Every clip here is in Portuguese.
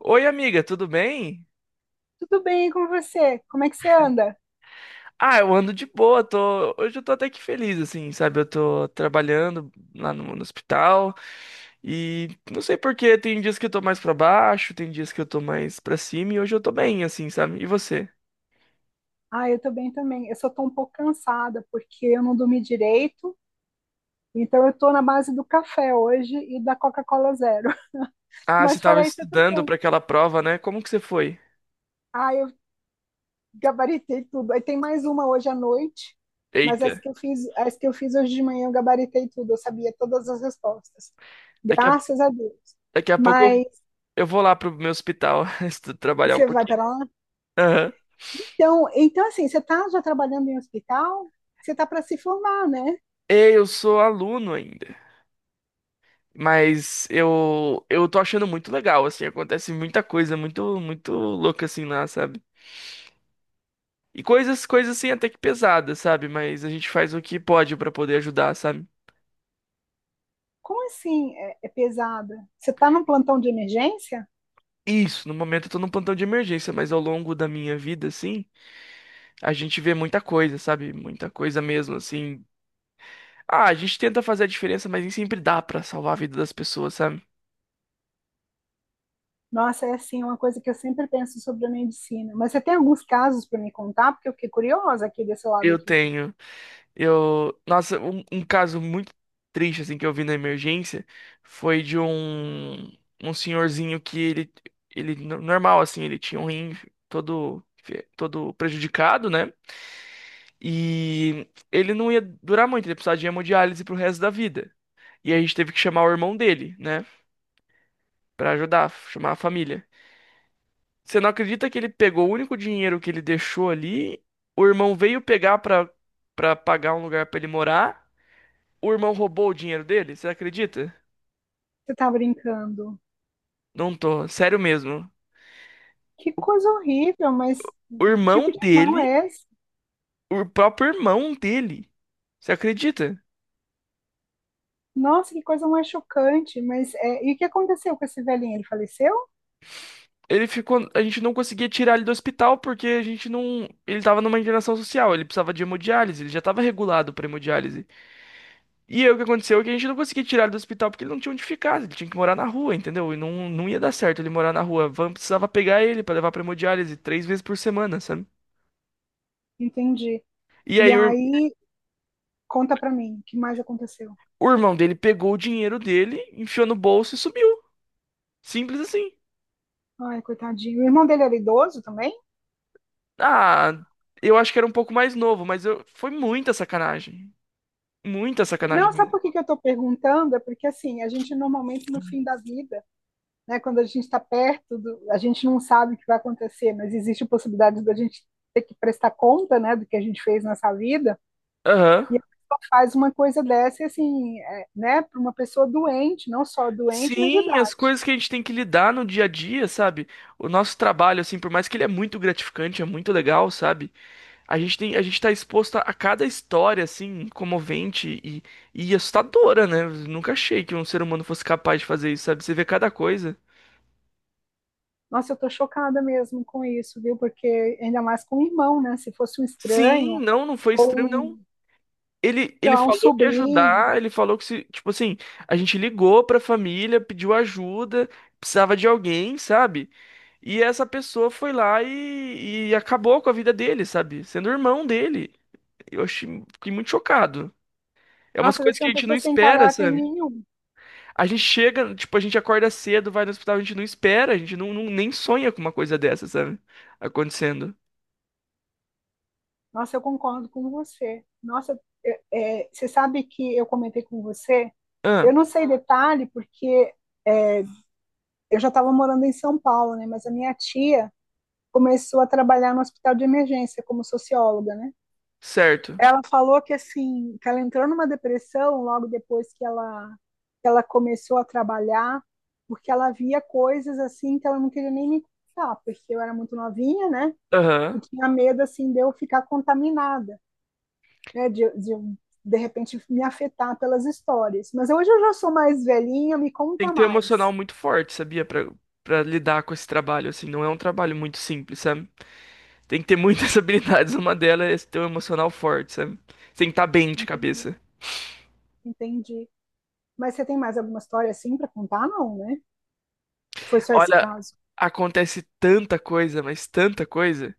Oi, amiga, tudo bem? Tudo bem, e com você? Como é que você anda? Ah, eu ando de boa, hoje eu tô até que feliz, assim, sabe? Eu tô trabalhando lá no hospital e não sei por quê, tem dias que eu tô mais pra baixo, tem dias que eu tô mais pra cima e hoje eu tô bem, assim, sabe? E você? Ah, eu tô bem também. Eu só tô um pouco cansada porque eu não dormi direito, então eu tô na base do café hoje e da Coca-Cola zero. Ah, você Mas tava fora isso, eu tô estudando bem. pra aquela prova, né? Como que você foi? Ah, eu gabaritei tudo. Aí tem mais uma hoje à noite, mas Eita, as que eu fiz hoje de manhã eu gabaritei tudo, eu sabia todas as respostas. daqui a, Graças a Deus. daqui a pouco Mas eu vou lá pro meu hospital trabalhar um você vai pouquinho. para lá? Aham. Então assim, você tá já trabalhando em hospital? Você tá para se formar, né? Ei, eu sou aluno ainda. Mas eu tô achando muito legal, assim, acontece muita coisa muito muito louca assim lá, sabe? E coisas coisas assim até que pesadas, sabe? Mas a gente faz o que pode pra poder ajudar, sabe? Como assim é pesada? Você está num plantão de emergência? Isso, no momento eu tô num plantão de emergência, mas ao longo da minha vida assim, a gente vê muita coisa, sabe? Muita coisa mesmo, assim. Ah, a gente tenta fazer a diferença, mas nem sempre dá pra salvar a vida das pessoas, sabe? Nossa, é assim, é uma coisa que eu sempre penso sobre a medicina. Mas você tem alguns casos para me contar? Porque eu fiquei curiosa aqui desse lado Eu aqui. tenho. Eu, nossa, um caso muito triste assim que eu vi na emergência foi de um senhorzinho que ele normal assim, ele tinha um rim todo todo prejudicado, né? E ele não ia durar muito, ele precisava de hemodiálise pro resto da vida. E a gente teve que chamar o irmão dele, né, pra ajudar, chamar a família. Você não acredita que ele pegou o único dinheiro que ele deixou ali? O irmão veio pegar pra para pagar um lugar pra ele morar. O irmão roubou o dinheiro dele? Você acredita? Você está brincando. Não tô, sério mesmo. Que coisa horrível, mas O que tipo irmão de irmão dele, é esse? o próprio irmão dele. Você acredita? Nossa, que coisa mais chocante. Mas e o que aconteceu com esse velhinho? Ele faleceu? Ele ficou, a gente não conseguia tirar ele do hospital porque a gente não, ele tava numa internação social, ele precisava de hemodiálise, ele já tava regulado pra hemodiálise. E aí o que aconteceu é que a gente não conseguia tirar ele do hospital porque ele não tinha onde ficar, ele tinha que morar na rua, entendeu? E não, não ia dar certo ele morar na rua. A van precisava pegar ele pra levar pra hemodiálise três vezes por semana, sabe? Entendi. E E aí o, ir- aí, conta pra mim, o que mais aconteceu? o irmão dele pegou o dinheiro dele, enfiou no bolso e sumiu. Simples assim. Ai, coitadinho. O irmão dele era idoso também? Ah, eu acho que era um pouco mais novo, mas foi muita sacanagem. Muita sacanagem Não, sabe mesmo. por que que eu estou perguntando? É porque assim, a gente normalmente no fim da vida, né, quando a gente está perto, a gente não sabe o que vai acontecer, mas existe a possibilidade da gente ter que prestar conta, né, do que a gente fez nessa vida. Aham. E a pessoa faz uma coisa dessa, e, assim, é, né, para uma pessoa doente, não só doente, mas de Sim, as idade. coisas que a gente tem que lidar no dia a dia, sabe? O nosso trabalho, assim, por mais que ele é muito gratificante, é muito legal, sabe? A gente tem, a gente tá exposto a cada história, assim, comovente e assustadora, né? Eu nunca achei que um ser humano fosse capaz de fazer isso, sabe? Você vê cada coisa. Nossa, eu estou chocada mesmo com isso, viu? Porque ainda mais com o irmão, né? Se fosse um Sim, estranho não, não foi ou estranho, não. um, Ele, sei ele lá, um falou que ia sobrinho, ajudar, ele falou que se, tipo assim, a gente ligou pra família, pediu ajuda, precisava de alguém, sabe? E essa pessoa foi lá e acabou com a vida dele, sabe? Sendo irmão dele. Eu achei, fiquei muito chocado. É umas nossa, deve coisas ser que a uma gente não pessoa sem espera, caráter sabe? nenhum. A gente chega, tipo, a gente acorda cedo, vai no hospital, a gente não espera, a gente nem sonha com uma coisa dessa, sabe? Acontecendo. Nossa, eu concordo com você. Nossa, você sabe que eu comentei com você? Ah, Eu não sei detalhe, porque é, eu já estava morando em São Paulo, né? Mas a minha tia começou a trabalhar no hospital de emergência como socióloga, né? certo. Ela falou que assim, que ela entrou numa depressão logo depois que ela começou a trabalhar, porque ela via coisas assim que ela não queria nem me contar, porque eu era muito novinha, né? E Aham. tinha medo assim de eu ficar contaminada. Né, de repente me afetar pelas histórias. Mas hoje eu já sou mais velhinha, me Tem conta que ter um emocional mais. muito forte, sabia? Pra lidar com esse trabalho, assim. Não é um trabalho muito simples, sabe? Tem que ter muitas habilidades. Uma delas é esse ter um emocional forte, sabe? Você tem que estar bem de Entendi, cabeça. entendi. Mas você tem mais alguma história assim para contar? Não, né? Foi só esse Olha, caso. acontece tanta coisa, mas tanta coisa.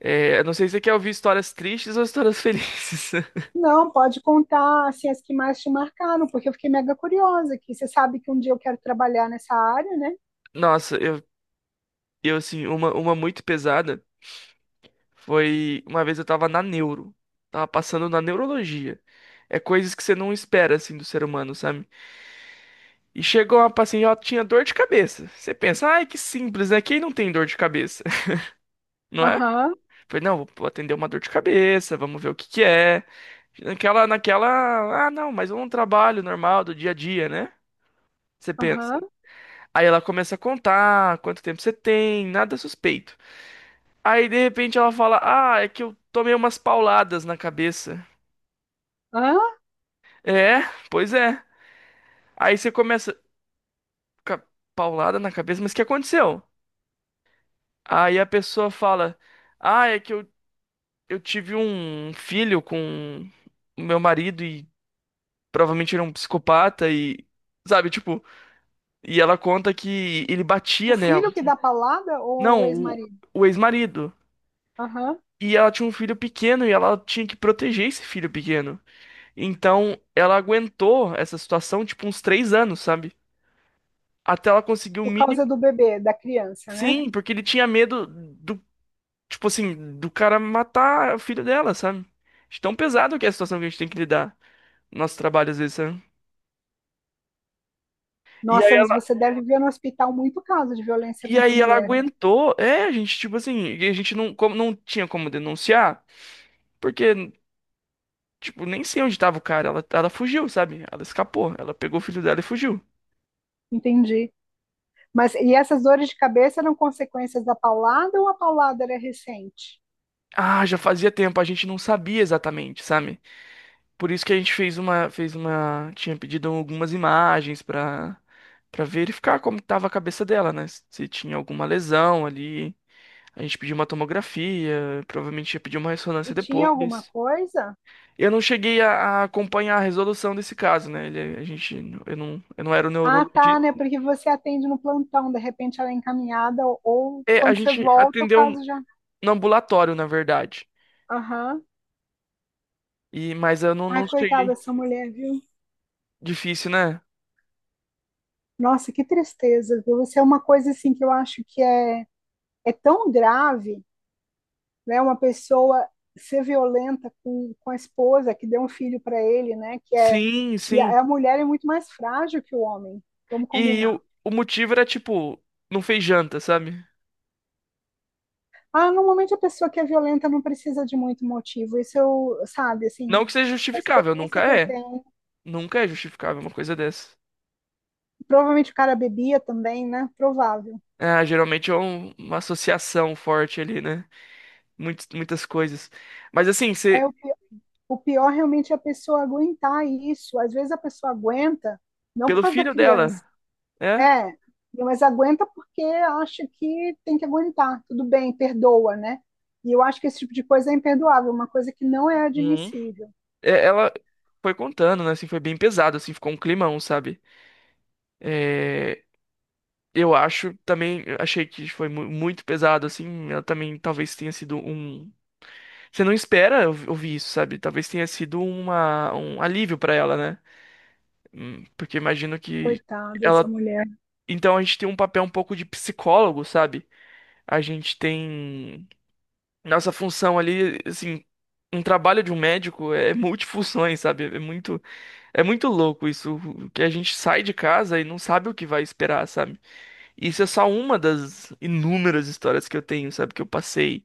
É, eu não sei se você quer ouvir histórias tristes ou histórias felizes. Não, pode contar assim, as que mais te marcaram, porque eu fiquei mega curiosa aqui. Você sabe que um dia eu quero trabalhar nessa área, né? Nossa, eu assim, uma muito pesada foi uma vez eu tava na neuro. Tava passando na neurologia. É coisas que você não espera, assim, do ser humano, sabe? E chegou uma paciente, ela tinha dor de cabeça. Você pensa, ai, que simples, né? Quem não tem dor de cabeça, não é? Aham, Falei, não, vou atender uma dor de cabeça, vamos ver o que que é. Naquela, ah, não, mas é um trabalho normal do dia a dia, né? Você pensa. aham. Aí ela começa a contar quanto tempo você tem, nada suspeito. Aí de repente ela fala, ah, é que eu tomei umas pauladas na cabeça. Hã? É, pois é. Aí você começa, "Ca- paulada na cabeça, mas o que aconteceu?" Aí a pessoa fala, ah, é que eu tive um filho com o meu marido e provavelmente ele é um psicopata e, sabe, tipo, e ela conta que ele O batia nela. filho que dá palada ou o Não, o, ex-marido? o ex-marido. Aham. E ela tinha um filho pequeno e ela tinha que proteger esse filho pequeno. Então, ela aguentou essa situação, tipo, uns três anos, sabe? Até ela conseguir o Por mínimo. causa do bebê, da criança, né? Sim, porque ele tinha medo do, tipo assim, do cara matar o filho dela, sabe? De tão pesado que é a situação que a gente tem que lidar no nosso trabalho às vezes, sabe? E Nossa, mas você deve ver no hospital muito caso de violência E contra a aí ela mulher. aguentou. É, a gente, tipo assim, e a gente não, como, não tinha como denunciar, porque, tipo, nem sei onde tava o cara. Ela fugiu, sabe? Ela escapou. Ela pegou o filho dela e fugiu. Entendi. Mas e essas dores de cabeça eram consequências da paulada ou a paulada era recente? Ah, já fazia tempo, a gente não sabia exatamente, sabe? Por isso que a gente fez uma, tinha pedido algumas imagens pra verificar como tava a cabeça dela, né? Se tinha alguma lesão ali. A gente pediu uma tomografia, provavelmente ia pedir uma E ressonância tinha alguma depois. coisa? Eu não cheguei a acompanhar a resolução desse caso, né? Ele, a gente, eu não era o Ah, tá, neurologista. né? Porque você atende no plantão, de repente ela é encaminhada, ou É, a quando você gente volta, o atendeu caso já. no ambulatório, na verdade. Aham. E, mas eu não, Ai, não cheguei. coitada dessa mulher, viu? Difícil, né? Nossa, que tristeza, viu? Isso é uma coisa assim que eu acho que é tão grave né? Uma pessoa ser violenta com a esposa que deu um filho para ele, né? Que é Sim, e sim. A mulher é muito mais frágil que o homem. Vamos E combinar. o motivo era, tipo, não fez janta, sabe? Ah, normalmente a pessoa que é violenta não precisa de muito motivo. Isso eu, sabe, assim, Não que seja a justificável, nunca experiência que eu é. tenho. Nunca é justificável uma coisa dessa. Provavelmente o cara bebia também, né? Provável. Ah, geralmente é uma associação forte ali, né? Muitas, muitas coisas. Mas assim, você, É o, pi- o pior realmente é a pessoa aguentar isso. Às vezes a pessoa aguenta não por pelo causa da filho criança, dela, é? É, mas aguenta porque acha que tem que aguentar. Tudo bem, perdoa, né? E eu acho que esse tipo de coisa é imperdoável, uma coisa que não é admissível. É, ela foi contando, né? Assim, foi bem pesado, assim, ficou um climão, sabe? É, eu acho também, eu achei que foi muito pesado, assim. Ela também talvez tenha sido um. Você não espera ouvir isso, sabe? Talvez tenha sido um alívio pra ela, né? Porque imagino que Coitada dessa ela. mulher. Então a gente tem um papel um pouco de psicólogo, sabe? A gente tem. Nossa função ali, assim, um trabalho de um médico é multifunções, sabe? É muito. É muito louco isso, que a gente sai de casa e não sabe o que vai esperar, sabe? Isso é só uma das inúmeras histórias que eu tenho, sabe? Que eu passei,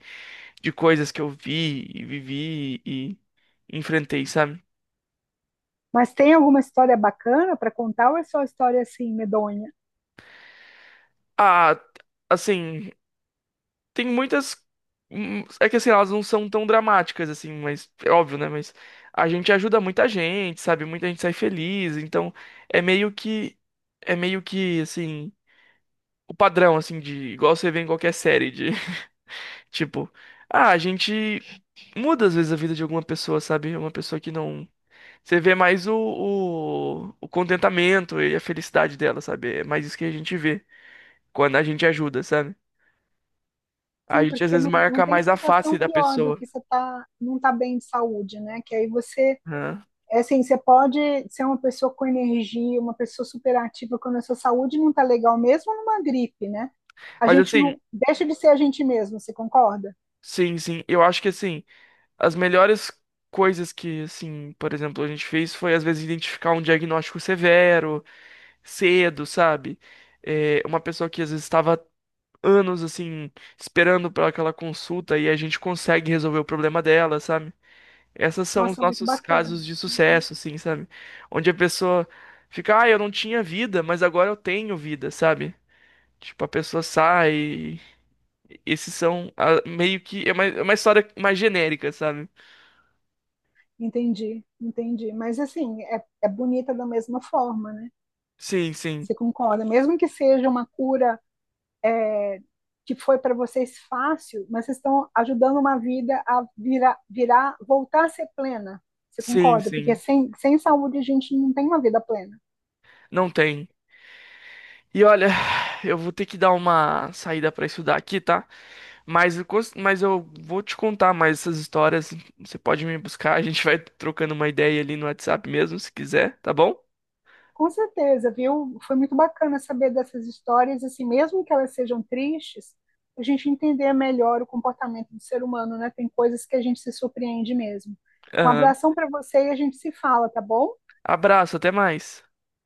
de coisas que eu vi e vivi e enfrentei, sabe? Mas tem alguma história bacana para contar ou é só história assim, medonha? Ah, assim, tem muitas. É que assim, elas não são tão dramáticas, assim, mas é óbvio, né? Mas a gente ajuda muita gente, sabe? Muita gente sai feliz, então é meio que. É meio que, assim, o padrão, assim, de. Igual você vê em qualquer série, de. Tipo, ah, a gente muda às vezes a vida de alguma pessoa, sabe? Uma pessoa que não. Você vê mais o contentamento e a felicidade dela, sabe? É mais isso que a gente vê quando a gente ajuda, sabe? A Sim, gente às porque vezes não, não marca tem mais a face sensação da pior do pessoa. que você tá, não tá bem de saúde, né? Que aí você Né? é assim, você pode ser uma pessoa com energia, uma pessoa superativa quando a sua saúde não está legal, mesmo numa gripe, né? A Mas gente assim, não deixa de ser a gente mesmo, você concorda? sim, sim. Eu acho que assim, as melhores coisas que, assim, por exemplo, a gente fez foi às vezes identificar um diagnóstico severo, cedo, sabe? É, uma pessoa que às vezes estava anos assim esperando para aquela consulta e a gente consegue resolver o problema dela, sabe? Essas são os Nossa, muito nossos bacana. casos de Uhum. sucesso, assim, sabe? Onde a pessoa fica, ah, eu não tinha vida, mas agora eu tenho vida, sabe? Tipo, a pessoa sai. E esses são meio que. É uma história mais genérica, sabe? Entendi, entendi. Mas assim, é bonita da mesma forma, né? Sim, sim. Você concorda? Mesmo que seja uma cura é, que foi para vocês fácil, mas vocês estão ajudando uma vida a virar, voltar a ser plena. Você Sim, concorda? Porque sim. sem saúde a gente não tem uma vida plena. Não tem. E olha, eu vou ter que dar uma saída para estudar aqui, tá? Mas, eu vou te contar mais essas histórias. Você pode me buscar, a gente vai trocando uma ideia ali no WhatsApp mesmo, se quiser, tá bom? Com certeza, viu? Foi muito bacana saber dessas histórias, assim, mesmo que elas sejam tristes, a gente entender melhor o comportamento do ser humano, né? Tem coisas que a gente se surpreende mesmo. Um Aham. abração para você e a gente se fala, tá bom? Abraço, até mais.